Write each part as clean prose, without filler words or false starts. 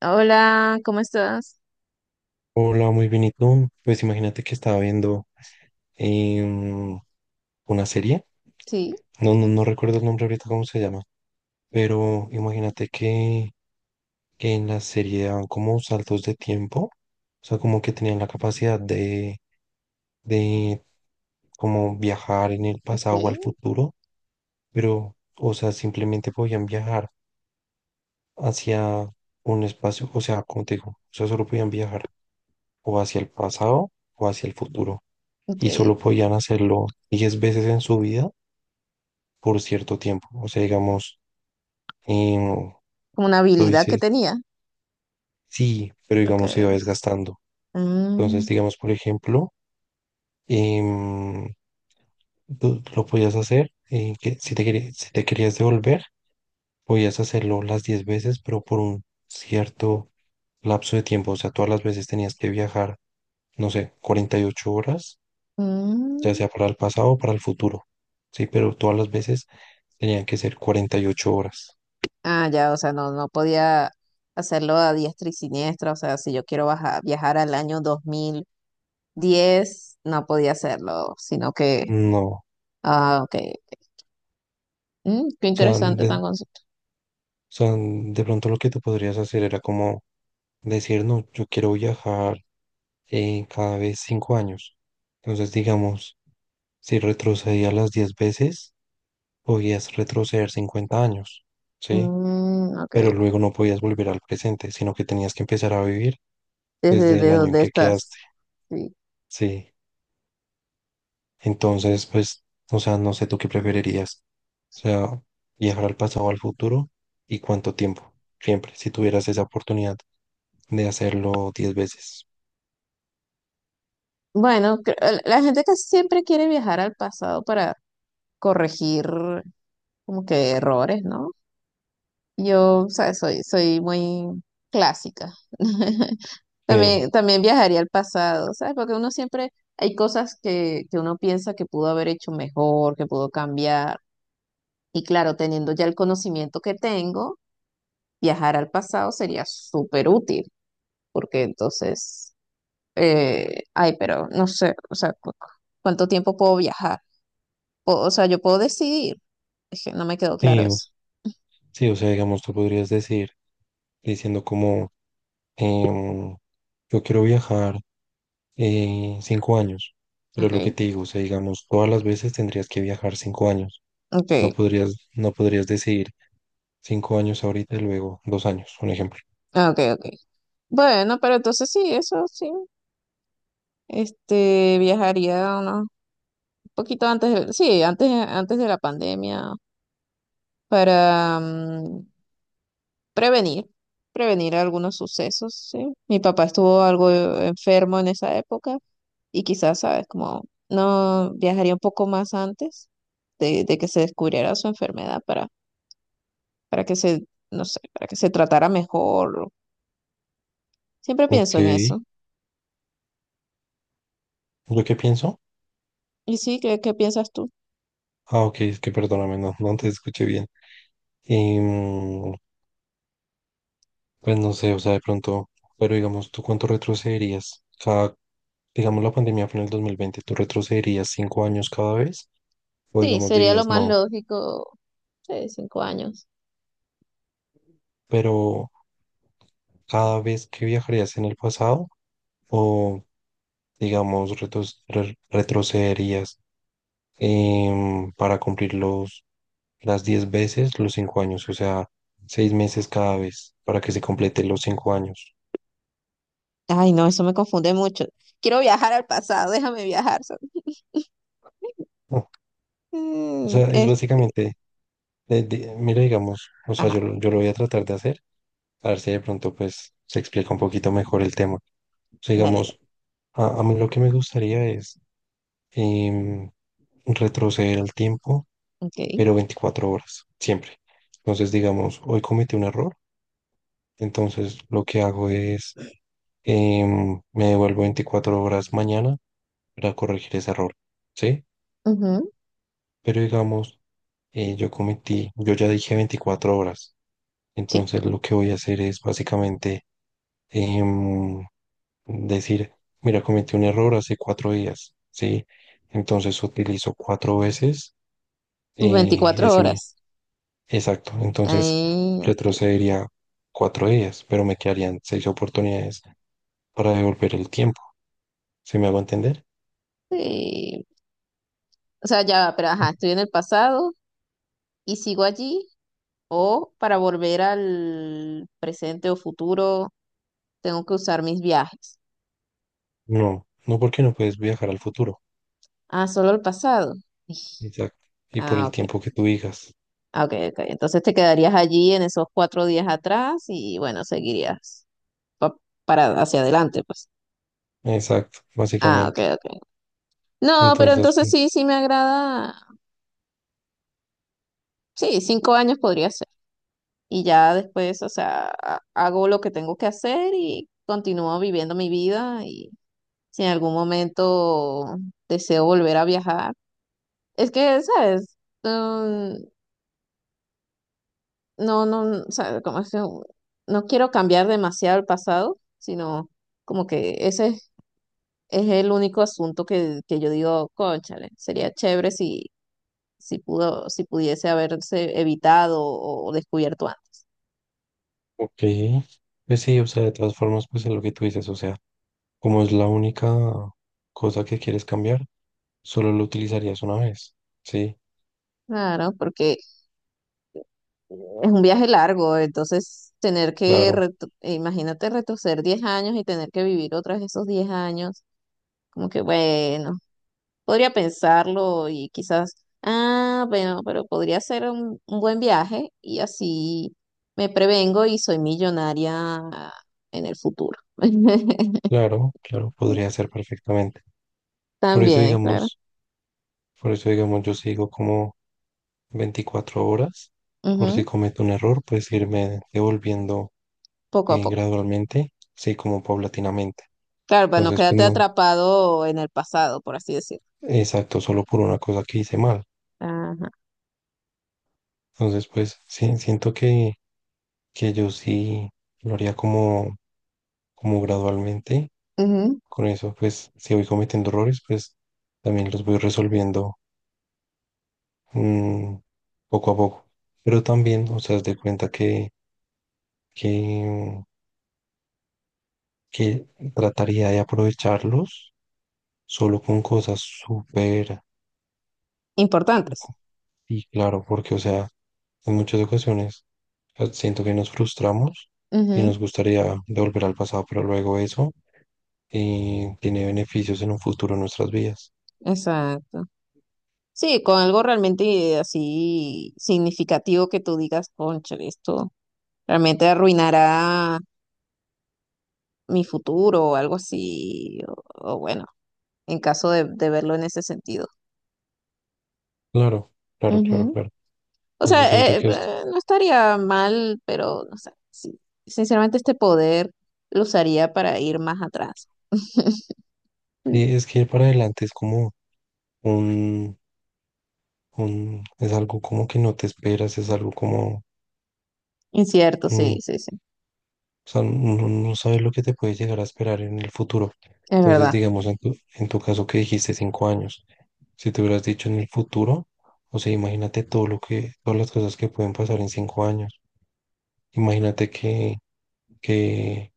Hola, ¿cómo estás? Hola, muy bien, ¿y tú? Pues imagínate que estaba viendo em, una serie, Sí, no, no, no recuerdo el nombre ahorita cómo se llama, pero imagínate que en la serie daban como saltos de tiempo, o sea, como que tenían la capacidad de como viajar en el ok, pasado o al futuro, pero, o sea, simplemente podían viajar hacia un espacio, o sea, como te digo, o sea, solo podían viajar o hacia el pasado o hacia el futuro, y ok. solo podían hacerlo 10 veces en su vida por cierto tiempo. O sea, digamos, em, Como una tú habilidad que dices, tenía. sí, pero Ok. digamos se va desgastando. Entonces, Mm, digamos, por ejemplo, em, tú lo podías hacer, que si te querías devolver, podías hacerlo las 10 veces, pero por un cierto lapso de tiempo. O sea, todas las veces tenías que viajar, no sé, 48 horas, ya mm. sea para el pasado o para el futuro. Sí, pero todas las veces tenían que ser 48 horas. Ah, ya, o sea, no, no podía hacerlo a diestra y siniestra. O sea, si yo quiero viajar al año 2010, no podía hacerlo, sino que, No, o ah, ok. Qué sea, interesante tan concepto. o sea, de pronto lo que tú podrías hacer era como decir, no, yo quiero viajar cada vez 5 años. Entonces, digamos, si retrocedía las 10 veces, podías retroceder 50 años, ¿sí? Mm, ok. Pero luego no podías volver al presente, sino que tenías que empezar a vivir ¿Desde desde de el año en dónde que quedaste, estás? Sí. ¿sí? Entonces, pues, o sea, no sé tú qué preferirías. O sea, viajar al pasado o al futuro y cuánto tiempo, siempre, si tuvieras esa oportunidad de hacerlo 10 veces. Bueno, la gente que siempre quiere viajar al pasado para corregir como que errores, ¿no? Yo, o sea, soy, muy clásica. Sí. También viajaría al pasado, ¿sabes? Porque uno siempre, hay cosas que, uno piensa que pudo haber hecho mejor, que pudo cambiar. Y claro, teniendo ya el conocimiento que tengo, viajar al pasado sería súper útil, porque entonces, ay, pero no sé, o sea, ¿cuánto tiempo puedo viajar? O sea, yo puedo decidir. Es que no me quedó claro Sí, o- eso. sí, o sea, digamos, tú podrías decir, diciendo como, em, yo quiero viajar 5 años, pero es lo que Ok, te digo, o sea, digamos, todas las veces tendrías que viajar 5 años, ok, no podrías decir 5 años ahorita y luego 2 años, un ejemplo. ok, ok. Bueno, pero entonces sí, eso sí. Este, viajaría un poquito antes de, sí, antes, de la pandemia para prevenir, algunos sucesos, sí. Mi papá estuvo algo enfermo en esa época y quizás, sabes, como no viajaría un poco más antes de, que se descubriera su enfermedad para, que se, no sé, para que se tratara mejor. Siempre Ok, pienso en eso. ¿yo qué pienso? ¿Y sí, qué, piensas tú? Ah, ok, es que perdóname, no, no te escuché bien. Em, pues no sé, o sea, de pronto, pero digamos, ¿tú cuánto retrocederías? Cada, digamos, la pandemia fue en el 2020, ¿tú retrocederías 5 años cada vez? O Sí, digamos sería lo dirías más no, lógico. Sí, 5 años. pero cada vez que viajarías en el pasado o digamos retrocederías para cumplir las 10 veces los 5 años, o sea, 6 meses cada vez para que se complete los 5 años. Ay, no, eso me confunde mucho. Quiero viajar al pasado, déjame viajar. Sol. Ah, o Mm, sea, es es, básicamente, mira, digamos, o sea, ajá, yo lo voy a tratar de hacer, a ver si de pronto pues se explica un poquito mejor el tema. O sea, dale, dale. digamos, a mí lo que me gustaría es em, retroceder el tiempo Ok. pero 24 horas, siempre. Entonces, digamos, hoy cometí un error, entonces lo que hago es, me devuelvo 24 horas mañana para corregir ese error, ¿sí? Ujú, Pero digamos, yo cometí, yo ya dije 24 horas, sí, entonces lo que voy a hacer es básicamente em, decir, mira, cometí un error hace 4 días, ¿sí? Entonces utilizo cuatro veces tus 24 ese. horas. Exacto, entonces Ahí, ok. retrocedería 4 días, pero me quedarían seis oportunidades para devolver el tiempo. ¿Se me hago entender? Sí. O sea, ya, va, pero ajá, estoy en el pasado y sigo allí. O para volver al presente o futuro, tengo que usar mis viajes. No, no porque no puedes viajar al futuro. Ah, solo el pasado. Ij, Exacto. Y por ah, el ok. tiempo que tú digas. Ah, ok, ok. Entonces te quedarías allí en esos 4 días atrás y bueno, seguirías pa- para hacia adelante, pues. Exacto, Ah, ok, básicamente. ok. No, pero Entonces, entonces sí, me agrada. Sí, 5 años podría ser. Y ya después, o sea, hago lo que tengo que hacer y continúo viviendo mi vida. Y si en algún momento deseo volver a viajar, es que, ¿sabes? Mm, no, no, ¿sabes? Como es que no quiero cambiar demasiado el pasado, sino como que ese es el único asunto que, yo digo, cónchale, sería chévere si pudiese haberse evitado o descubierto antes. ok. Pues sí, o sea, de todas formas, pues es lo que tú dices, o sea, como es la única cosa que quieres cambiar, solo lo utilizarías una vez. Sí, Claro, porque es un viaje largo, entonces tener que, claro, imagínate retroceder 10 años y tener que vivir otras esos 10 años, como que bueno, podría pensarlo y quizás, ah, bueno, pero podría ser un, buen viaje y así me prevengo y soy millonaria en el futuro. claro, claro, podría ser perfectamente. Por eso, También, claro. digamos... Por eso, digamos, yo sigo como 24 horas. Por si Ujú, cometo un error, pues irme devolviendo poco a poco. gradualmente, sí, como paulatinamente. Claro, para no Entonces, pues quedarte no, atrapado en el pasado, por así decirlo. exacto, solo por una cosa que hice mal. Ajá. Entonces, pues sí, siento que yo sí lo haría como, gradualmente. Ujú, Con eso, pues si voy cometiendo errores, pues también los voy resolviendo mm, poco a poco. Pero también, o sea, haz de cuenta que, que que trataría de aprovecharlos solo con cosas súper, su- importantes. y claro, porque, o sea, en muchas ocasiones siento que nos frustramos y Ujú, nos gustaría devolver al pasado, pero luego eso tiene beneficios en un futuro en nuestras vidas. exacto. Sí, con algo realmente así significativo que tú digas, cónchale, esto realmente arruinará mi futuro o algo así. O bueno, en caso de, verlo en ese sentido. Claro, claro, claro, claro. O Entonces siento sea, que es, no estaría mal, pero no sé, sí. Sinceramente este poder lo usaría para ir más atrás. Mm, sí, es que ir para adelante es como un, es algo como que no te esperas, es algo como, incierto, sí, mm, sí, sí, o sea, no, no sabes lo que te puede llegar a esperar en el futuro. es Entonces, verdad. digamos, en tu caso que dijiste 5 años, si te hubieras dicho en el futuro, o sea, imagínate todas las cosas que pueden pasar en 5 años. Imagínate que,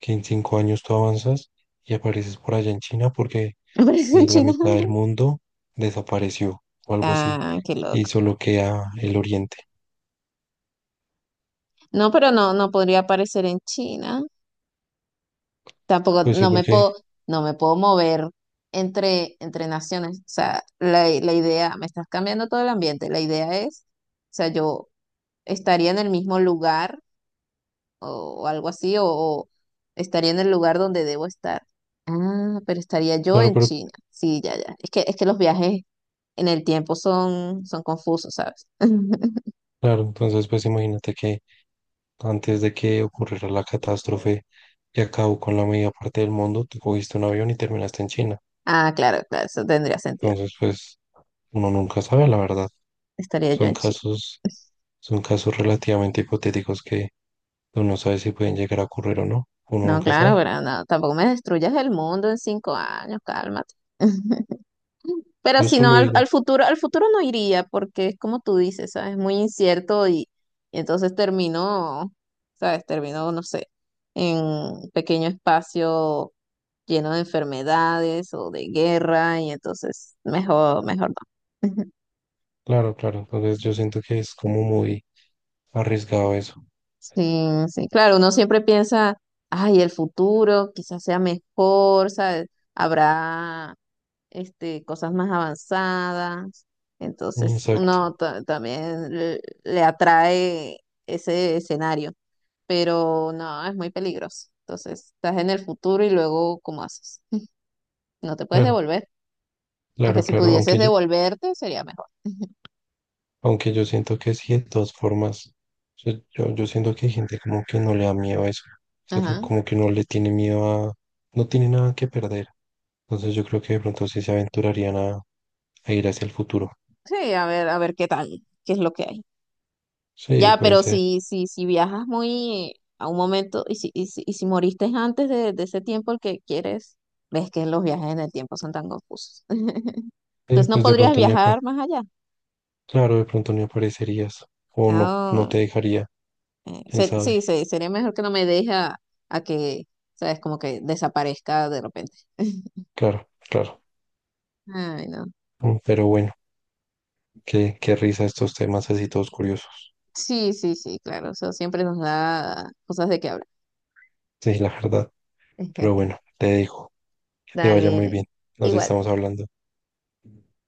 que en 5 años tú avanzas y apareces por allá en China porque ¿Aparece en la China? mitad del mundo desapareció o algo así Ah, qué y loco. solo queda el oriente. No, pero no, no podría aparecer en China. Tampoco, Pues sí, porque, no me puedo mover entre, naciones. O sea, la, idea, me estás cambiando todo el ambiente. La idea es, o sea, yo estaría en el mismo lugar o algo así, o, estaría en el lugar donde debo estar. Ah, pero estaría yo claro, en pero China. Sí, ya, ya. Es que los viajes en el tiempo son, confusos, ¿sabes? claro, entonces pues imagínate que antes de que ocurriera la catástrofe y acabó con la media parte del mundo, tú cogiste un avión y terminaste en China. Ah, claro, claro, eso tendría sentido. Entonces, pues uno nunca sabe, la verdad. Estaría yo Son en China. casos, son casos relativamente hipotéticos que uno no sabe si pueden llegar a ocurrir o no. Uno No, nunca claro, sabe. pero no, tampoco me destruyas el mundo en 5 años, cálmate. Pero Yo si no, solo digo, al futuro no iría, porque es como tú dices, ¿sabes? Muy incierto y entonces terminó, ¿sabes? Terminó, no sé, en un pequeño espacio lleno de enfermedades o de guerra y entonces mejor, mejor no. claro, claro. Entonces yo siento que es como muy arriesgado eso. Sí, sí, claro, uno siempre piensa, ay, el futuro quizás sea mejor, ¿sabes? Habrá cosas más avanzadas. Entonces Exacto. uno también le, atrae ese escenario, pero no, es muy peligroso. Entonces estás en el futuro y luego, ¿cómo haces? No te puedes Claro, devolver. Aunque claro, si claro, pudieses Aunque yo devolverte, sería mejor. Aunque yo siento que sí, de todas formas, o yo siento que hay gente como que no le da miedo a eso, o sea, que Ajá. como que no le tiene miedo a, no tiene nada que perder. Entonces yo creo que de pronto sí se aventurarían a ir hacia el futuro. Sí, a ver qué tal, qué es lo que hay. Sí, Ya, puede pero ser. Si viajas muy a un momento y si moriste antes de, ese tiempo el que quieres, ves que los viajes en el tiempo son tan confusos. Sí, Entonces no pues de podrías pronto ni, apa- viajar más allá. claro, de pronto ni aparecerías o no, no Ah, te dejaría, quién sabe. sí, sí, sería mejor que no me deje a que, ¿sabes? Como que desaparezca de repente. Claro, claro. Ay, no. Mm. Pero bueno, qué risa estos temas así todos curiosos. Sí, sí, sí, claro. Eso siempre nos da cosas de qué hablar. Sí, la verdad. Pero bueno, te dejo. Que te vaya muy Dale, bien. Nos igual. estamos hablando.